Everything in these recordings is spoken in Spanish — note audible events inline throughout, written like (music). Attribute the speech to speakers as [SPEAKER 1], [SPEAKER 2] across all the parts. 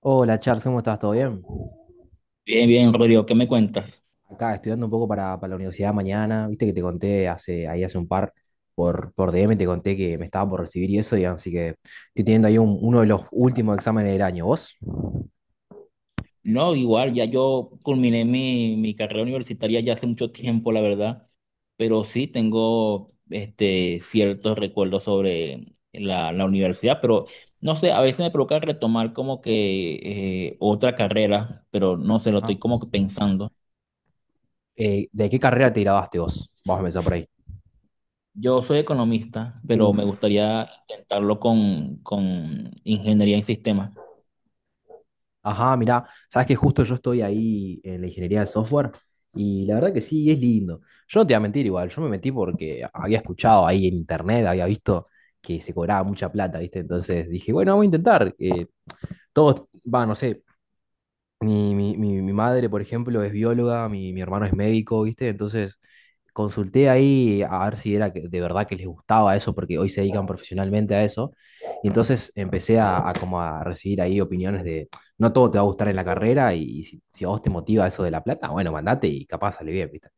[SPEAKER 1] Hola Charles, ¿cómo estás? ¿Todo bien?
[SPEAKER 2] Bien, bien, Rodrigo, ¿qué me cuentas?
[SPEAKER 1] Acá estudiando un poco para la universidad mañana. Viste que te conté hace, ahí hace un par, por DM te conté que me estaba por recibir y eso, y así que estoy teniendo ahí uno de los últimos exámenes del año. ¿Vos?
[SPEAKER 2] No, igual, ya yo culminé mi carrera universitaria ya hace mucho tiempo, la verdad, pero sí tengo ciertos recuerdos sobre la universidad, pero no sé, a veces me provoca retomar como que otra carrera, pero no sé, lo estoy
[SPEAKER 1] Ajá.
[SPEAKER 2] como que pensando.
[SPEAKER 1] ¿De qué carrera te graduaste vos? Vamos a empezar por ahí.
[SPEAKER 2] Yo soy economista, pero me
[SPEAKER 1] Uf.
[SPEAKER 2] gustaría intentarlo con ingeniería en sistemas.
[SPEAKER 1] Ajá, mirá, sabes que justo yo estoy ahí en la ingeniería de software y la verdad que sí, es lindo. Yo no te voy a mentir igual, yo me metí porque había escuchado ahí en internet, había visto que se cobraba mucha plata, ¿viste? Entonces dije, bueno, vamos a intentar. Todos, va, no sé, mi madre, por ejemplo, es bióloga, mi hermano es médico, ¿viste? Entonces consulté ahí a ver si era que de verdad que les gustaba eso, porque hoy se dedican profesionalmente a eso. Y entonces empecé a como a recibir ahí opiniones de, no todo te va a gustar en la carrera y, si a vos te motiva eso de la plata, bueno, mandate y capaz sale bien, ¿viste?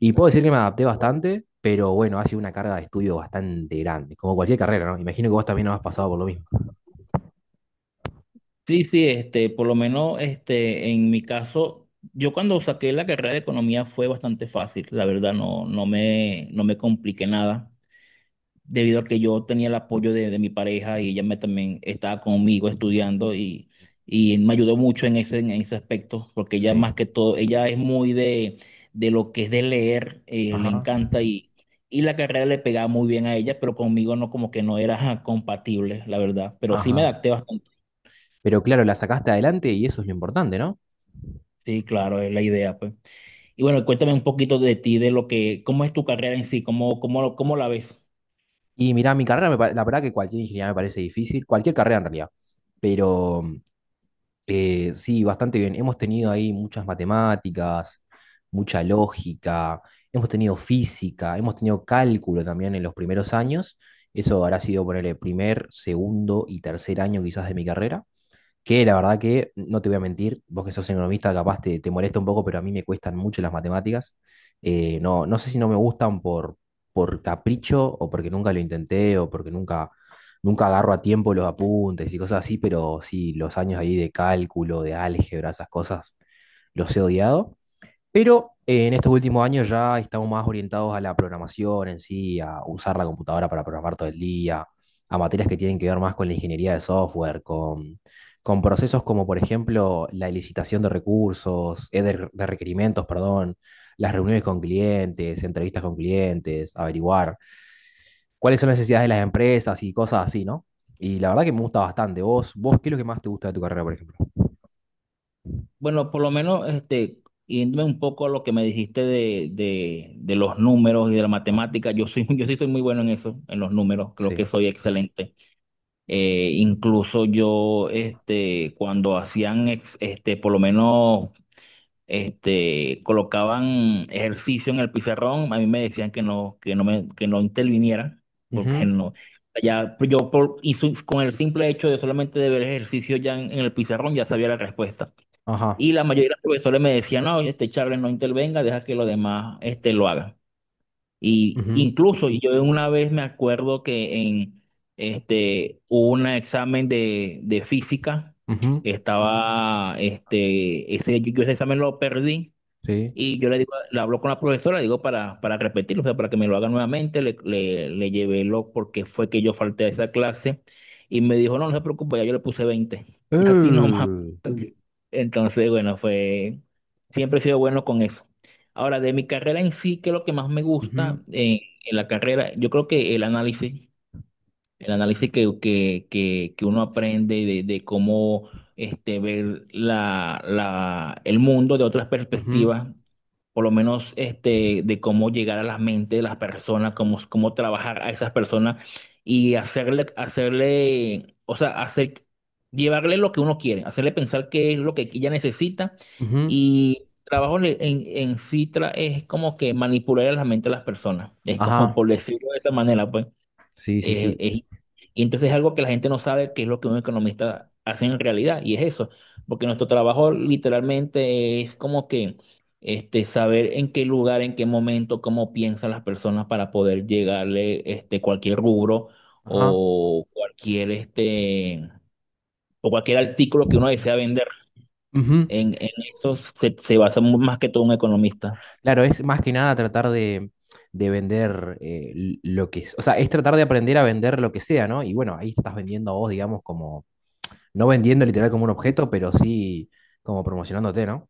[SPEAKER 1] Y puedo decir que me adapté bastante, pero bueno, ha sido una carga de estudio bastante grande, como cualquier carrera, ¿no? Imagino que vos también no has pasado por lo mismo.
[SPEAKER 2] Sí, sí, por lo menos en mi caso, yo cuando saqué la carrera de economía fue bastante fácil, la verdad, no, no me compliqué nada, debido a que yo tenía el apoyo de mi pareja y ella me también estaba conmigo estudiando y me ayudó mucho en ese aspecto, porque ella
[SPEAKER 1] Sí.
[SPEAKER 2] más que todo, ella es muy de lo que es de leer, le
[SPEAKER 1] Ajá,
[SPEAKER 2] encanta y la carrera le pegaba muy bien a ella, pero conmigo no como que no era (laughs) compatible, la verdad, pero sí me
[SPEAKER 1] ajá.
[SPEAKER 2] adapté bastante.
[SPEAKER 1] Pero claro, la sacaste adelante y eso es lo importante, ¿no?
[SPEAKER 2] Sí, claro, es la idea, pues. Y bueno, cuéntame un poquito de ti, de lo que, cómo es tu carrera en sí, cómo la ves.
[SPEAKER 1] Y mirá, mi carrera, la verdad que cualquier ingeniería me parece difícil, cualquier carrera en realidad. Pero sí, bastante bien. Hemos tenido ahí muchas matemáticas, mucha lógica, hemos tenido física, hemos tenido cálculo también en los primeros años. Eso habrá sido por el primer, segundo y tercer año quizás de mi carrera. Que la verdad que, no te voy a mentir, vos que sos economista capaz te molesta un poco, pero a mí me cuestan mucho las matemáticas. No sé si no me gustan por capricho o porque nunca lo intenté o porque nunca agarro a tiempo los apuntes y cosas así, pero sí, los años ahí de cálculo, de álgebra, esas cosas, los he odiado. Pero en estos últimos años ya estamos más orientados a la programación en sí, a usar la computadora para programar todo el día, a materias que tienen que ver más con la ingeniería de software, con procesos como por ejemplo la licitación de recursos, de requerimientos, perdón, las reuniones con clientes, entrevistas con clientes, averiguar cuáles son las necesidades de las empresas y cosas así, ¿no? Y la verdad que me gusta bastante. ¿Vos qué es lo que más te gusta de tu carrera, por ejemplo?
[SPEAKER 2] Bueno, por lo menos, yéndome un poco a lo que me dijiste de los números y de la
[SPEAKER 1] Ah,
[SPEAKER 2] matemática, yo soy, (laughs) yo sí soy muy bueno en eso, en los números, creo que
[SPEAKER 1] sí.
[SPEAKER 2] soy excelente. Incluso yo, cuando hacían, por lo menos colocaban ejercicio en el pizarrón, a mí me decían que no, que no interviniera, porque
[SPEAKER 1] Ujú,
[SPEAKER 2] no, ya pues, yo por, y su- con el simple hecho de solamente de ver ejercicio ya en el pizarrón ya sabía la respuesta.
[SPEAKER 1] ajá.
[SPEAKER 2] Y la mayoría de los profesores me decían, no, este Charles no intervenga, deja que los demás lo hagan. Y
[SPEAKER 1] Ujú,
[SPEAKER 2] incluso yo una vez me acuerdo que en hubo un examen de física,
[SPEAKER 1] ujú.
[SPEAKER 2] yo ese examen lo perdí
[SPEAKER 1] Sí.
[SPEAKER 2] y yo le digo, le hablo con la profesora, le digo para repetirlo, o sea, para que me lo haga nuevamente, le llevé lo porque fue que yo falté a esa clase y me dijo, no, no se preocupe, ya yo le puse 20. (laughs) Y así nomás.
[SPEAKER 1] Uh,
[SPEAKER 2] Entonces, bueno, siempre he sido bueno con eso. Ahora, de mi carrera en sí, ¿qué es lo que más me gusta
[SPEAKER 1] ujú,
[SPEAKER 2] en la carrera? Yo creo que el análisis, el análisis que uno aprende de cómo ver el mundo de otras
[SPEAKER 1] ujú,
[SPEAKER 2] perspectivas, por lo menos de cómo llegar a las mentes de las personas, cómo trabajar a esas personas y hacerle, o sea, llevarle lo que uno quiere, hacerle pensar qué es lo que ella necesita
[SPEAKER 1] ujú.
[SPEAKER 2] y trabajo en sí es como que manipular la mente de las personas, es como
[SPEAKER 1] Ajá.
[SPEAKER 2] por decirlo de esa manera, pues.
[SPEAKER 1] Sí, sí,
[SPEAKER 2] Eh,
[SPEAKER 1] sí.
[SPEAKER 2] es- y entonces es algo que la gente no sabe qué es lo que un economista hace en realidad, y es eso, porque nuestro trabajo literalmente es como que saber en qué lugar, en qué momento, cómo piensan las personas para poder llegarle cualquier rubro
[SPEAKER 1] Ajá.
[SPEAKER 2] o cualquier, este, o cualquier artículo que uno desea vender.
[SPEAKER 1] Ujú.
[SPEAKER 2] En eso se basa más que todo un economista.
[SPEAKER 1] Claro, es más que nada tratar de vender lo que es. O sea, es tratar de aprender a vender lo que sea, ¿no? Y bueno, ahí estás vendiendo a vos, digamos, como, no vendiendo literal como un objeto, pero sí como promocionándote, ¿no?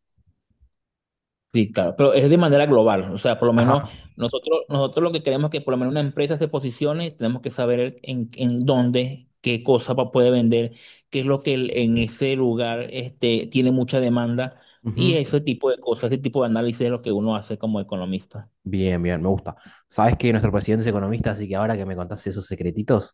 [SPEAKER 2] Sí, claro, pero es de manera global. O sea, por lo menos
[SPEAKER 1] Ajá.
[SPEAKER 2] nosotros lo que queremos es que por lo menos una empresa se posicione, tenemos que saber en dónde, qué cosa puede vender, qué es lo que en ese lugar tiene mucha demanda y
[SPEAKER 1] Ujú.
[SPEAKER 2] ese tipo de cosas, ese tipo de análisis es lo que uno hace como economista.
[SPEAKER 1] Bien, bien, me gusta. Sabes que nuestro presidente es economista, así que ahora que me contaste esos secretitos,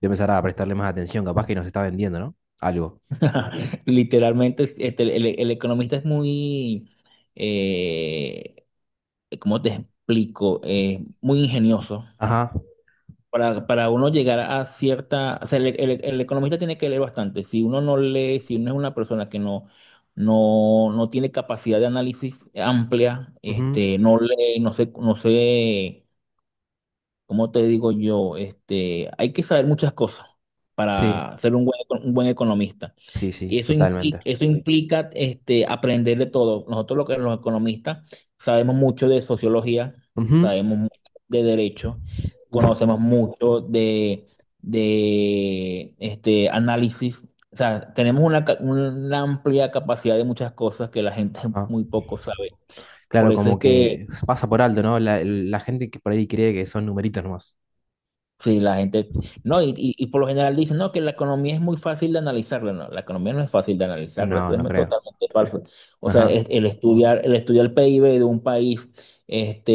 [SPEAKER 1] voy a empezar a prestarle más atención. Capaz que nos está vendiendo, ¿no? Algo.
[SPEAKER 2] (laughs) Literalmente, el economista es eh, ¿cómo te explico? Muy ingenioso.
[SPEAKER 1] Ajá.
[SPEAKER 2] Para uno llegar a cierta, o sea, el economista tiene que leer bastante. Si uno no lee, si uno es una persona que no tiene capacidad de análisis amplia,
[SPEAKER 1] Ujú.
[SPEAKER 2] no lee, no sé, no sé, ¿cómo te digo yo? Hay que saber muchas cosas
[SPEAKER 1] Sí,
[SPEAKER 2] para ser un buen economista.
[SPEAKER 1] sí,
[SPEAKER 2] Y
[SPEAKER 1] sí,
[SPEAKER 2] eso implica,
[SPEAKER 1] totalmente.
[SPEAKER 2] eso implica este, aprender de todo. Nosotros los economistas sabemos mucho de sociología,
[SPEAKER 1] Ujú.
[SPEAKER 2] sabemos mucho de derecho,
[SPEAKER 1] Uf,
[SPEAKER 2] conocemos mucho de análisis. O sea, tenemos una amplia capacidad de muchas cosas que la gente
[SPEAKER 1] ajá.
[SPEAKER 2] (laughs) muy poco sabe. Por
[SPEAKER 1] Claro,
[SPEAKER 2] eso
[SPEAKER 1] como
[SPEAKER 2] es que.
[SPEAKER 1] que pasa por alto, ¿no? La gente que por ahí cree que son numeritos nomás.
[SPEAKER 2] Sí, la gente, no, y por lo general dicen, no, que la economía es muy fácil de analizarla, no, la economía no es fácil de analizarla, eso
[SPEAKER 1] No, no
[SPEAKER 2] es
[SPEAKER 1] creo.
[SPEAKER 2] totalmente falso. O sea,
[SPEAKER 1] Ajá,
[SPEAKER 2] el estudiar el PIB de un país, este,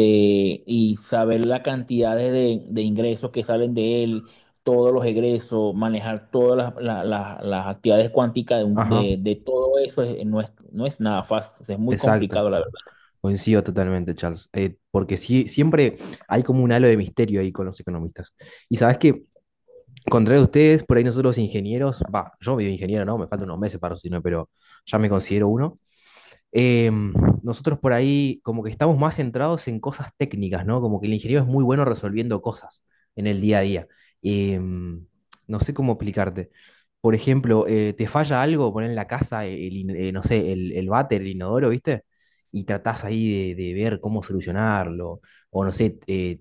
[SPEAKER 2] y saber la cantidad de ingresos que salen de él, todos los egresos, manejar todas las actividades cuánticas de, un-
[SPEAKER 1] ajá,
[SPEAKER 2] de- de todo eso, no es nada fácil, es muy
[SPEAKER 1] exacto.
[SPEAKER 2] complicado, la verdad.
[SPEAKER 1] Coincido totalmente, Charles. Porque sí, siempre hay como un halo de misterio ahí con los economistas. Y sabes que, contrario a ustedes, por ahí nosotros los ingenieros, va, yo medio ingeniero, ¿no? Me faltan unos meses para recibirme, pero ya me considero uno. eh, Nosotros por ahí como que estamos más centrados en cosas técnicas, ¿no? Como que el ingeniero es muy bueno resolviendo cosas en el día a día. No sé cómo explicarte. Por ejemplo, te falla algo, poner en la casa, no sé, el váter, el inodoro, ¿viste? Y tratás ahí de ver cómo solucionarlo. O no sé,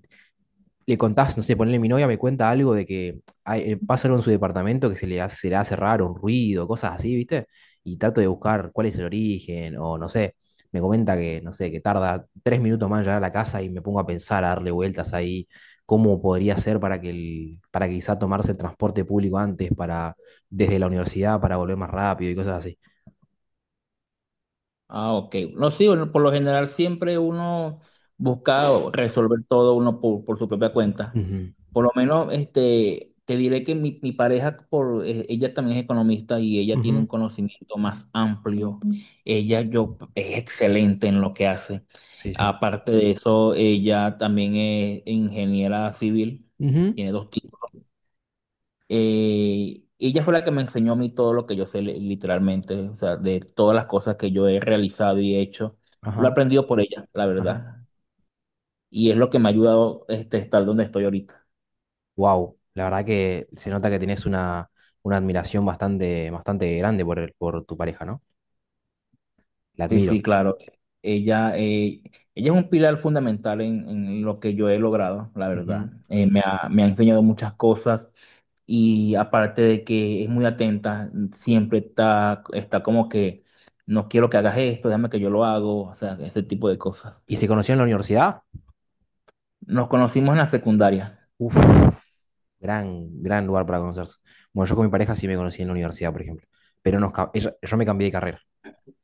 [SPEAKER 1] le contás, no sé, ponle mi novia me cuenta algo de que pasa algo en su departamento que se le hace raro, un ruido, cosas así, ¿viste? Y trato de buscar cuál es el origen, o no sé, me comenta que, no sé, que tarda tres minutos más en llegar a la casa y me pongo a pensar, a darle vueltas ahí, cómo podría ser para para quizá tomarse el transporte público antes, para, desde la universidad para volver más rápido y cosas así.
[SPEAKER 2] Ah, ok. No, sí, bueno, por lo general siempre uno busca resolver todo uno por su propia cuenta.
[SPEAKER 1] Ujú,
[SPEAKER 2] Por lo menos, te diré que mi pareja, ella también es economista y ella tiene un
[SPEAKER 1] ujú,
[SPEAKER 2] conocimiento más amplio. Mm. Ella es excelente en lo que hace.
[SPEAKER 1] sí, sí.
[SPEAKER 2] Aparte de eso, ella también es ingeniera civil,
[SPEAKER 1] Ujú,
[SPEAKER 2] tiene dos títulos. Ella fue la que me enseñó a mí todo lo que yo sé literalmente, o sea, de todas las cosas que yo he realizado y hecho. Lo he
[SPEAKER 1] ajá,
[SPEAKER 2] aprendido por ella, la
[SPEAKER 1] ajá.
[SPEAKER 2] verdad. Y es lo que me ha ayudado estar donde estoy ahorita.
[SPEAKER 1] Wow, la verdad que se nota que tenés una admiración bastante, bastante grande por, por tu pareja, ¿no? La
[SPEAKER 2] Sí, sí,
[SPEAKER 1] admiro.
[SPEAKER 2] claro. Ella, eh, ella es un pilar fundamental en lo que yo he logrado, la verdad.
[SPEAKER 1] Ujú.
[SPEAKER 2] Me ha enseñado muchas cosas y aparte de que es muy atenta, siempre está como que no quiero que hagas esto, déjame que yo lo hago, o sea, ese tipo de cosas.
[SPEAKER 1] ¿Y se conocieron en la universidad?
[SPEAKER 2] Nos conocimos en la secundaria.
[SPEAKER 1] Uf, gran, gran lugar para conocerse. Bueno, yo con mi pareja sí me conocí en la universidad, por ejemplo. Pero yo me cambié de carrera.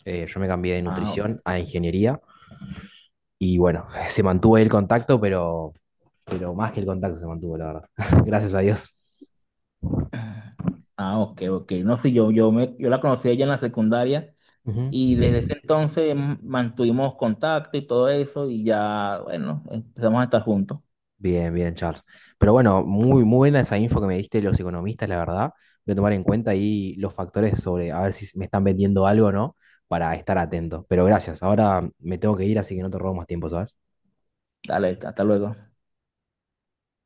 [SPEAKER 1] Yo me cambié de
[SPEAKER 2] Ah, o-
[SPEAKER 1] nutrición a ingeniería. Y bueno, (laughs) se mantuvo el contacto, pero más que el contacto se mantuvo, la verdad. (laughs) Gracias a Dios.
[SPEAKER 2] ah, ok, ok. No sé, yo la conocí a ella en la secundaria
[SPEAKER 1] Ujú.
[SPEAKER 2] y desde ese entonces mantuvimos contacto y todo eso y ya, bueno, empezamos a estar juntos.
[SPEAKER 1] Bien, bien, Charles. Pero bueno, muy, muy buena esa info que me diste de los economistas, la verdad. Voy a tomar en cuenta ahí los factores sobre a ver si me están vendiendo algo o no, para estar atento. Pero gracias, ahora me tengo que ir, así que no te robo más tiempo, ¿sabes?
[SPEAKER 2] Dale, hasta luego.